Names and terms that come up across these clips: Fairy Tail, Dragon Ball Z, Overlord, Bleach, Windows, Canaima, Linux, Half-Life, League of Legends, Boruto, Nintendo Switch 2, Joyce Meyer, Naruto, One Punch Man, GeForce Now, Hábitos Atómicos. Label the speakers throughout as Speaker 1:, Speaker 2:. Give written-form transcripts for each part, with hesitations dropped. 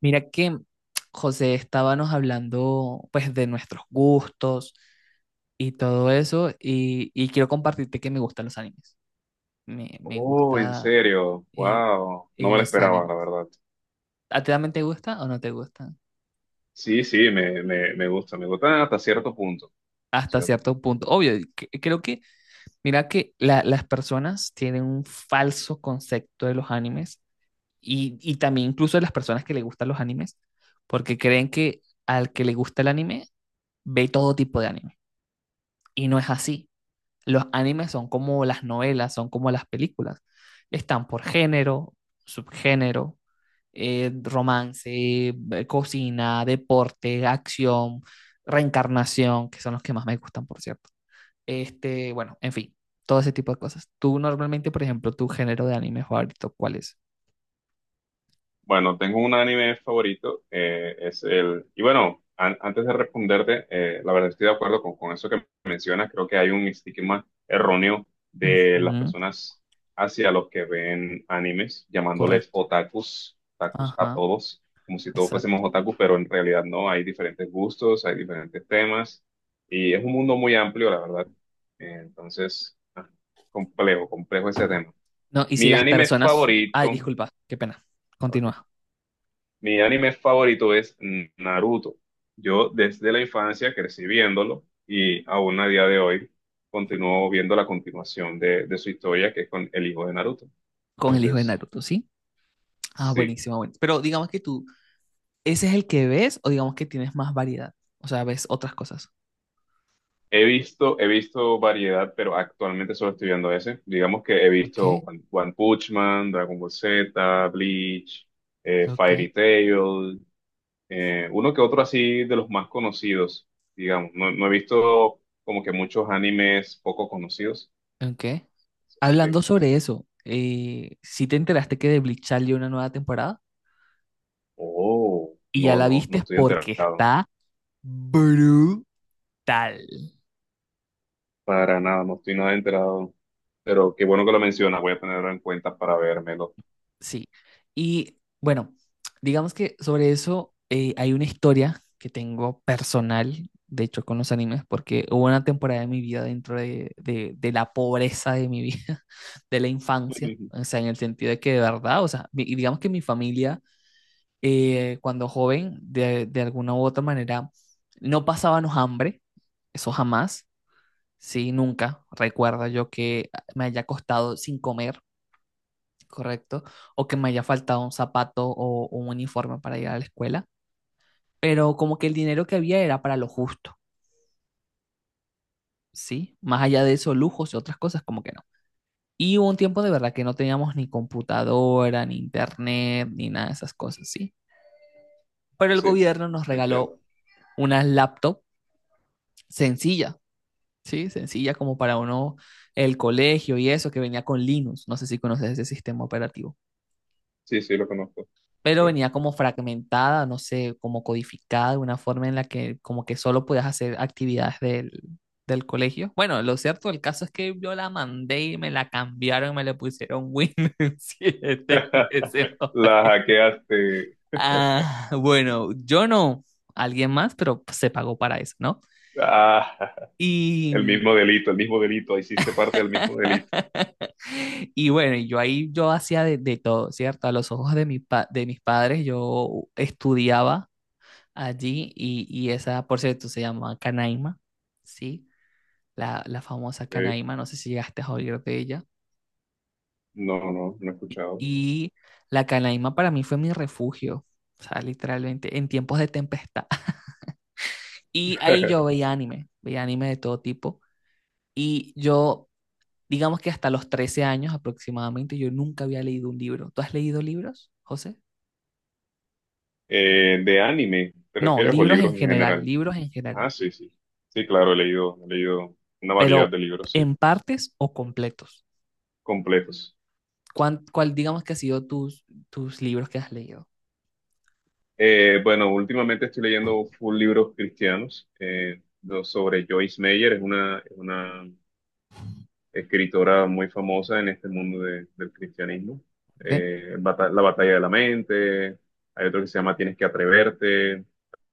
Speaker 1: Mira que José estábamos hablando pues de nuestros gustos y todo eso y quiero compartirte que me gustan los animes. Me
Speaker 2: Oh, en
Speaker 1: gusta
Speaker 2: serio,
Speaker 1: eh,
Speaker 2: wow, no me lo
Speaker 1: los
Speaker 2: esperaba,
Speaker 1: animes.
Speaker 2: la verdad.
Speaker 1: ¿A ti también te gusta o no te gustan?
Speaker 2: Sí, sí, me gusta, me gusta hasta cierto punto,
Speaker 1: Hasta
Speaker 2: cierto
Speaker 1: cierto
Speaker 2: punto.
Speaker 1: punto. Obvio, y creo que, mira que las personas tienen un falso concepto de los animes y también incluso de las personas que les gustan los animes porque creen que al que le gusta el anime ve todo tipo de anime y no es así. Los animes son como las novelas, son como las películas. Están por género, subgénero, romance, cocina, deporte, acción, reencarnación, que son los que más me gustan, por cierto. Este, bueno, en fin, todo ese tipo de cosas. Tú normalmente, por ejemplo, tu género de anime favorito, ¿cuál es?
Speaker 2: Bueno, tengo un anime favorito, es el... Y bueno, antes de responderte, la verdad estoy de acuerdo con eso que mencionas, creo que hay un estigma erróneo de las
Speaker 1: Ujú,
Speaker 2: personas hacia los que ven animes, llamándoles
Speaker 1: correcto.
Speaker 2: otakus, otakus a
Speaker 1: Ajá,
Speaker 2: todos, como si todos fuésemos
Speaker 1: exacto.
Speaker 2: otakus, pero en realidad no, hay diferentes gustos, hay diferentes temas, y es un mundo muy amplio, la verdad. Entonces, complejo, complejo ese tema.
Speaker 1: No, y si
Speaker 2: Mi
Speaker 1: las
Speaker 2: anime
Speaker 1: personas... Ay,
Speaker 2: favorito...
Speaker 1: disculpa, qué pena.
Speaker 2: Ok,
Speaker 1: Continúa
Speaker 2: mi anime favorito es Naruto. Yo desde la infancia crecí viéndolo y aún a día de hoy continúo viendo la continuación de su historia que es con el hijo de Naruto.
Speaker 1: con el hijo de
Speaker 2: Entonces,
Speaker 1: Naruto, ¿sí? Ah,
Speaker 2: sí,
Speaker 1: buenísimo, bueno. Pero digamos que tú ¿ese es el que ves o digamos que tienes más variedad? O sea, ves otras cosas.
Speaker 2: he visto variedad, pero actualmente solo estoy viendo ese. Digamos que he visto
Speaker 1: Ok,
Speaker 2: One, One Punch Man, Dragon Ball Z, Bleach,
Speaker 1: ok,
Speaker 2: Fairy Tail, uno que otro así de los más conocidos, digamos. No, no he visto como que muchos animes poco conocidos.
Speaker 1: ok.
Speaker 2: Sí.
Speaker 1: Hablando sobre eso, si te enteraste que de Bleach salió una nueva temporada
Speaker 2: Oh,
Speaker 1: y ya
Speaker 2: no,
Speaker 1: la
Speaker 2: no, no
Speaker 1: viste
Speaker 2: estoy
Speaker 1: porque
Speaker 2: enterado.
Speaker 1: está brutal.
Speaker 2: Para nada, no estoy nada enterado. Pero qué bueno que lo mencionas, voy a tenerlo en cuenta para vérmelo.
Speaker 1: Sí. Y bueno, digamos que sobre eso hay una historia que tengo personal, de hecho, con los animes, porque hubo una temporada de mi vida dentro de, de la pobreza de mi vida, de la infancia, o sea, en el sentido de que de verdad, o sea, y digamos que mi familia, cuando joven, de alguna u otra manera, no pasábamos hambre, eso jamás, sí, nunca recuerdo yo que me haya costado sin comer correcto, o que me haya faltado un zapato o un uniforme para ir a la escuela, pero como que el dinero que había era para lo justo, ¿sí? Más allá de eso, lujos y otras cosas, como que no. Y hubo un tiempo de verdad que no teníamos ni computadora, ni internet, ni nada de esas cosas, ¿sí? Pero el
Speaker 2: Sí,
Speaker 1: gobierno nos regaló
Speaker 2: entiendo.
Speaker 1: una laptop sencilla, ¿sí? Sencilla como para uno, el colegio y eso, que venía con Linux, no sé si conoces ese sistema operativo.
Speaker 2: Sí, sí, lo conozco.
Speaker 1: Pero
Speaker 2: Sí.
Speaker 1: venía como fragmentada, no sé, como codificada de una forma en la que como que solo podías hacer actividades del colegio. Bueno, lo cierto del caso es que yo la mandé y me la cambiaron, me le pusieron Win 7 en ese
Speaker 2: La
Speaker 1: momento.
Speaker 2: hackeaste.
Speaker 1: Ah, bueno, yo no, alguien más, pero se pagó para eso, ¿no?
Speaker 2: Ah,
Speaker 1: Y
Speaker 2: el mismo delito, el mismo delito. Hiciste parte del mismo delito.
Speaker 1: y bueno, y yo ahí yo hacía de todo, ¿cierto? A los ojos de, de mis padres yo estudiaba allí y esa, por cierto, se llama Canaima, ¿sí? La famosa
Speaker 2: Eh,
Speaker 1: Canaima, no sé si llegaste a oír de ella.
Speaker 2: no, no, no he escuchado.
Speaker 1: Y la Canaima para mí fue mi refugio, o sea, literalmente, en tiempos de tempestad. Y ahí yo veía anime de todo tipo. Y yo, digamos que hasta los 13 años aproximadamente, yo nunca había leído un libro. ¿Tú has leído libros, José?
Speaker 2: De anime, ¿te
Speaker 1: No,
Speaker 2: refieres o libros en general?
Speaker 1: libros en general,
Speaker 2: Ah, sí, sí. Sí, claro, he leído una variedad
Speaker 1: pero
Speaker 2: de libros, sí,
Speaker 1: en partes o completos.
Speaker 2: completos.
Speaker 1: ¿Cuál, cuál digamos que ha sido tus, tus libros que has leído?
Speaker 2: Bueno, últimamente estoy leyendo full libros cristianos sobre Joyce Meyer, es una escritora muy famosa en este mundo del cristianismo. La batalla de la mente, hay otro que se llama Tienes que atreverte,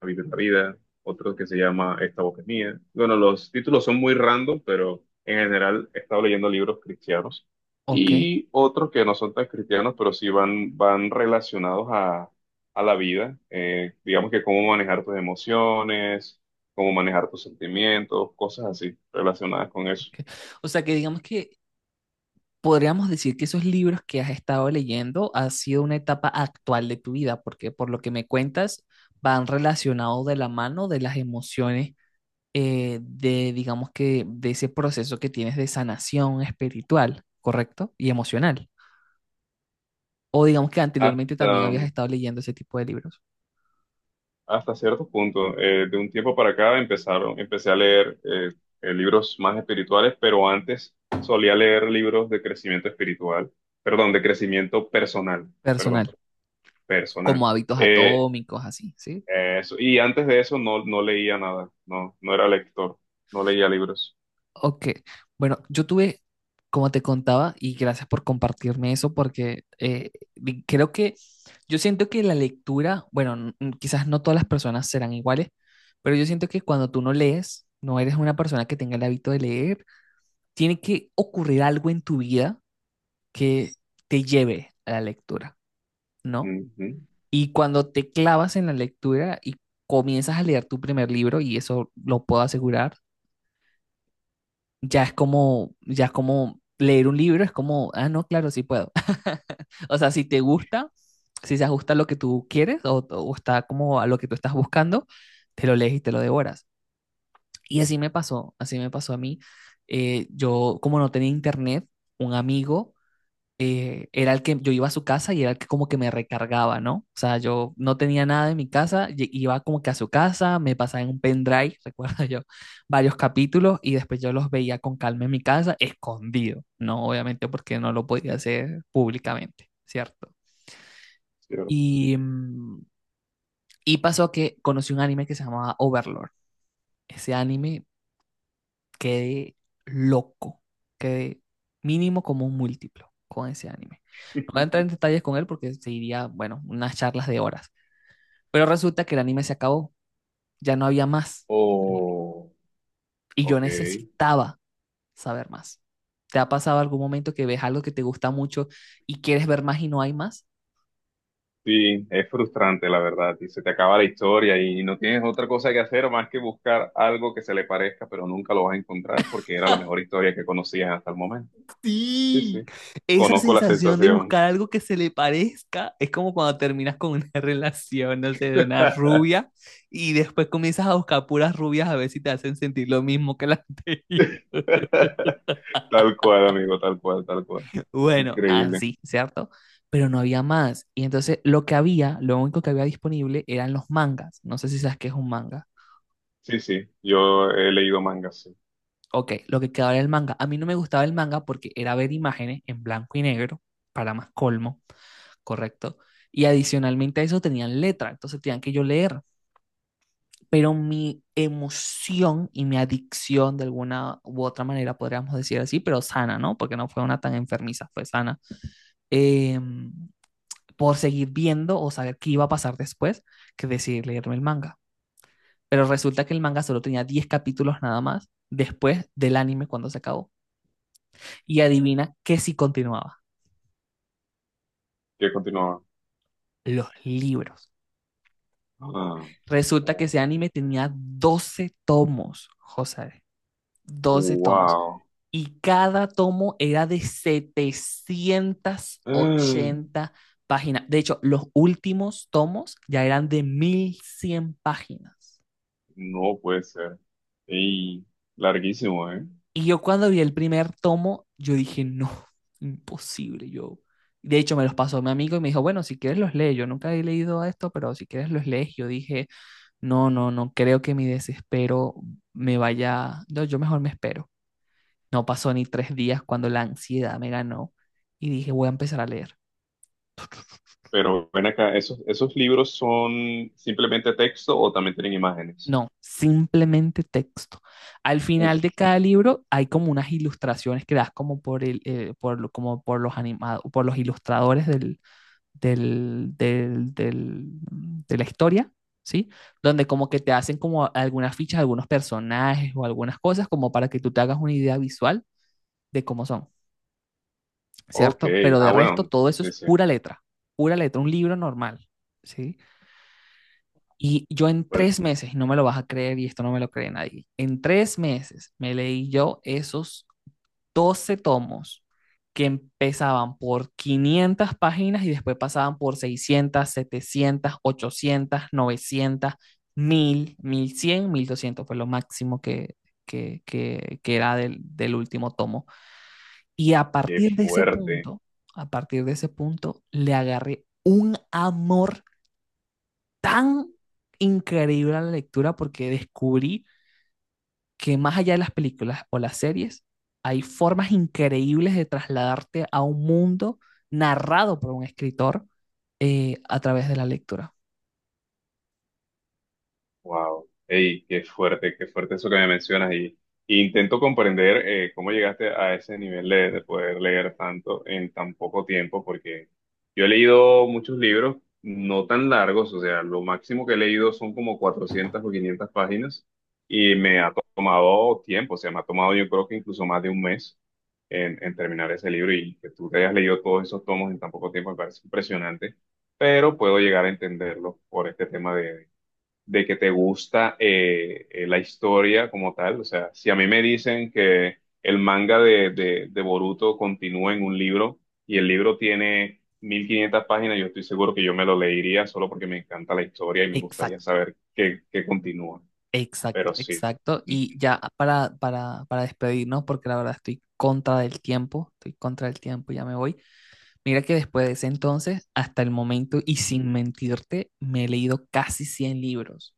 Speaker 2: La vida es la vida, otro que se llama Esta boca es mía. Bueno, los títulos son muy random, pero en general he estado leyendo libros cristianos
Speaker 1: Okay, ¿ok?
Speaker 2: y otros que no son tan cristianos, pero sí van relacionados a la vida. Digamos que cómo manejar tus emociones, cómo manejar tus sentimientos, cosas así relacionadas con eso.
Speaker 1: Ok. O sea que digamos que podríamos decir que esos libros que has estado leyendo ha sido una etapa actual de tu vida, porque por lo que me cuentas van relacionados de la mano de las emociones de, digamos que, de ese proceso que tienes de sanación espiritual, ¿correcto? Y emocional. O digamos que anteriormente
Speaker 2: Hasta,
Speaker 1: también habías estado leyendo ese tipo de libros
Speaker 2: hasta cierto punto. De un tiempo para acá empecé a leer libros más espirituales, pero antes solía leer libros de crecimiento espiritual, perdón, de crecimiento personal, perdón,
Speaker 1: personal,
Speaker 2: personal.
Speaker 1: como hábitos
Speaker 2: Eh,
Speaker 1: atómicos, así, ¿sí?
Speaker 2: eso, y antes de eso no, no leía nada, no, no era lector, no leía libros.
Speaker 1: Ok, bueno, yo tuve, como te contaba, y gracias por compartirme eso, porque creo que yo siento que la lectura, bueno, quizás no todas las personas serán iguales, pero yo siento que cuando tú no lees, no eres una persona que tenga el hábito de leer, tiene que ocurrir algo en tu vida que te lleve a la lectura, ¿no?
Speaker 2: Ujú,
Speaker 1: Y cuando te clavas en la lectura y comienzas a leer tu primer libro, y eso lo puedo asegurar, ya es como leer un libro, es como, ah, no, claro, sí puedo. O sea, si te gusta, si se ajusta a lo que tú quieres o está como a lo que tú estás buscando, te lo lees y te lo devoras. Y así me pasó a mí. Yo, como no tenía internet, un amigo era el que yo iba a su casa y era el que como que me recargaba, ¿no? O sea, yo no tenía nada en mi casa, iba como que a su casa, me pasaba en un pendrive, recuerdo yo, varios capítulos y después yo los veía con calma en mi casa, escondido, ¿no? Obviamente porque no lo podía hacer públicamente, ¿cierto?
Speaker 2: cierto.
Speaker 1: Y, y pasó que conocí un anime que se llamaba Overlord. Ese anime quedé loco, quedé mínimo como un múltiplo con ese anime. No voy a entrar en detalles con él porque seguiría, bueno, unas charlas de horas. Pero resulta que el anime se acabó, ya no había más anime.
Speaker 2: O
Speaker 1: Y yo
Speaker 2: ok.
Speaker 1: necesitaba saber más. ¿Te ha pasado algún momento que ves algo que te gusta mucho y quieres ver más y no hay más?
Speaker 2: Sí, es frustrante, la verdad, y se te acaba la historia y no tienes otra cosa que hacer más que buscar algo que se le parezca, pero nunca lo vas a encontrar porque era la mejor historia que conocías hasta el momento. Sí,
Speaker 1: Sí,
Speaker 2: sí,
Speaker 1: esa
Speaker 2: conozco la
Speaker 1: sensación de
Speaker 2: sensación.
Speaker 1: buscar algo que se le parezca es como cuando terminas con una relación, no sé, de una rubia y después comienzas a buscar puras rubias a ver si te hacen sentir lo mismo que la anterior.
Speaker 2: Tal cual, amigo, tal cual, tal cual.
Speaker 1: Bueno,
Speaker 2: Increíble.
Speaker 1: así, ¿cierto? Pero no había más. Y entonces lo que había, lo único que había disponible eran los mangas. No sé si sabes qué es un manga.
Speaker 2: Sí, sí, yo he leído mangas, sí.
Speaker 1: Ok, lo que quedaba era el manga. A mí no me gustaba el manga porque era ver imágenes en blanco y negro, para más colmo, correcto. Y adicionalmente a eso tenían letra, entonces tenían que yo leer. Pero mi emoción y mi adicción, de alguna u otra manera, podríamos decir así, pero sana, ¿no? Porque no fue una tan enfermiza, fue sana. eh, por seguir viendo o saber qué iba a pasar después, que decidir leerme el manga. Pero resulta que el manga solo tenía 10 capítulos nada más después del anime cuando se acabó. Y adivina que si continuaba,
Speaker 2: ¿Qué continuaba?
Speaker 1: los libros.
Speaker 2: Ah,
Speaker 1: Resulta que ese anime tenía 12 tomos, José, 12 tomos.
Speaker 2: wow.
Speaker 1: Y cada tomo era de setecientas
Speaker 2: Ah,
Speaker 1: ochenta páginas. De hecho, los últimos tomos ya eran de 1100 páginas.
Speaker 2: no puede ser. Y larguísimo, ¿eh?
Speaker 1: Y yo cuando vi el primer tomo, yo dije, no, imposible, yo. De hecho, me los pasó mi amigo y me dijo, bueno, si quieres los lees. Yo nunca he leído esto, pero si quieres los lees. Yo dije, no, no, no creo que mi desespero me vaya. No, yo mejor me espero. No pasó ni 3 días cuando la ansiedad me ganó y dije, voy a empezar a leer.
Speaker 2: Pero ven acá, ¿esos, esos libros son simplemente texto o también tienen imágenes?
Speaker 1: No, simplemente texto. Al
Speaker 2: Uf,
Speaker 1: final de cada libro hay como unas ilustraciones que das como por el, por, como por los animados, por los ilustradores del, del, del- de la historia, ¿sí? Donde como que te hacen como algunas fichas, algunos personajes o algunas cosas como para que tú te hagas una idea visual de cómo son.
Speaker 2: ok,
Speaker 1: ¿Cierto? Pero de
Speaker 2: ah,
Speaker 1: resto,
Speaker 2: bueno,
Speaker 1: todo eso
Speaker 2: sí,
Speaker 1: es
Speaker 2: sí,
Speaker 1: pura letra, un libro normal, ¿sí? Y yo en
Speaker 2: bueno,
Speaker 1: 3 meses, y no me lo vas a creer, y esto no me lo cree nadie, en 3 meses me leí yo esos 12 tomos que empezaban por 500 páginas y después pasaban por 600, 700, 800, 900, cien, 1200 fue lo máximo que era del último tomo. Y a
Speaker 2: qué
Speaker 1: partir de ese
Speaker 2: fuerte.
Speaker 1: punto, a partir de ese punto, le agarré un amor tan increíble a la lectura porque descubrí que más allá de las películas o las series, hay formas increíbles de trasladarte a un mundo narrado por un escritor a través de la lectura.
Speaker 2: Wow, ey, qué fuerte eso que me mencionas y intento comprender cómo llegaste a ese nivel de poder leer tanto en tan poco tiempo, porque yo he leído muchos libros no tan largos, o sea, lo máximo que he leído son como 400 o 500 páginas y me ha tomado tiempo, o sea, me ha tomado yo creo que incluso más de un mes en terminar ese libro y que tú te hayas leído todos esos tomos en tan poco tiempo me parece impresionante, pero puedo llegar a entenderlo por este tema de que te gusta la historia como tal. O sea, si a mí me dicen que el manga de Boruto continúa en un libro y el libro tiene 1.500 páginas, yo estoy seguro que yo me lo leería solo porque me encanta la historia y me gustaría
Speaker 1: Exacto,
Speaker 2: saber qué, qué continúa.
Speaker 1: exacto,
Speaker 2: Pero sí.
Speaker 1: exacto. Y
Speaker 2: Ujú.
Speaker 1: ya para despedirnos, porque la verdad estoy contra del tiempo, estoy contra del tiempo, ya me voy. Mira que después de ese entonces, hasta el momento, y sin mentirte, me he leído casi 100 libros,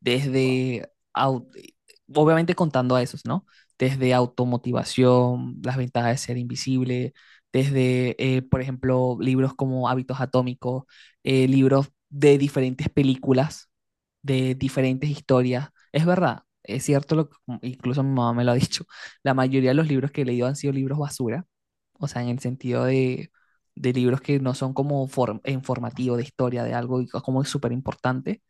Speaker 1: desde, obviamente contando a esos, ¿no? Desde automotivación, las ventajas de ser invisible, desde, por ejemplo, libros como Hábitos Atómicos, libros de diferentes películas, de diferentes historias. Es verdad, es cierto, lo, incluso mi mamá me lo ha dicho, la mayoría de los libros que he leído han sido libros basura o sea, en el sentido de libros que no son como informativo de historia, de algo y como es súper importante,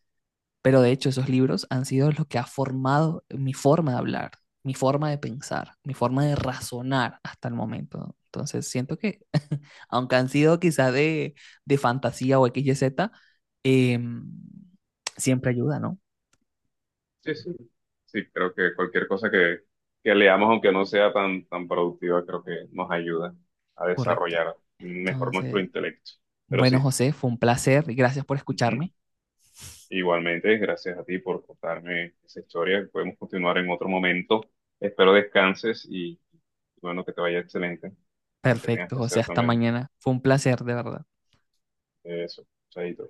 Speaker 1: pero de hecho esos libros han sido los que ha formado mi forma de hablar, mi forma de pensar, mi forma de razonar hasta el momento. Entonces siento que, aunque han sido quizás de fantasía o X XYZ, em, siempre ayuda, ¿no?
Speaker 2: Sí, sí. Sí, creo que cualquier cosa que leamos, aunque no sea tan, tan productiva, creo que nos ayuda a
Speaker 1: Correcto.
Speaker 2: desarrollar mejor nuestro
Speaker 1: Entonces,
Speaker 2: intelecto. Pero
Speaker 1: bueno,
Speaker 2: sí.
Speaker 1: José, fue un placer y gracias por
Speaker 2: Ujú.
Speaker 1: escucharme.
Speaker 2: Igualmente, gracias a ti por contarme esa historia. Podemos continuar en otro momento. Espero descanses y bueno, que te vaya excelente. Lo que tengas
Speaker 1: Perfecto,
Speaker 2: que
Speaker 1: José,
Speaker 2: hacer
Speaker 1: hasta
Speaker 2: también.
Speaker 1: mañana. Fue un placer, de verdad.
Speaker 2: Eso, chaito.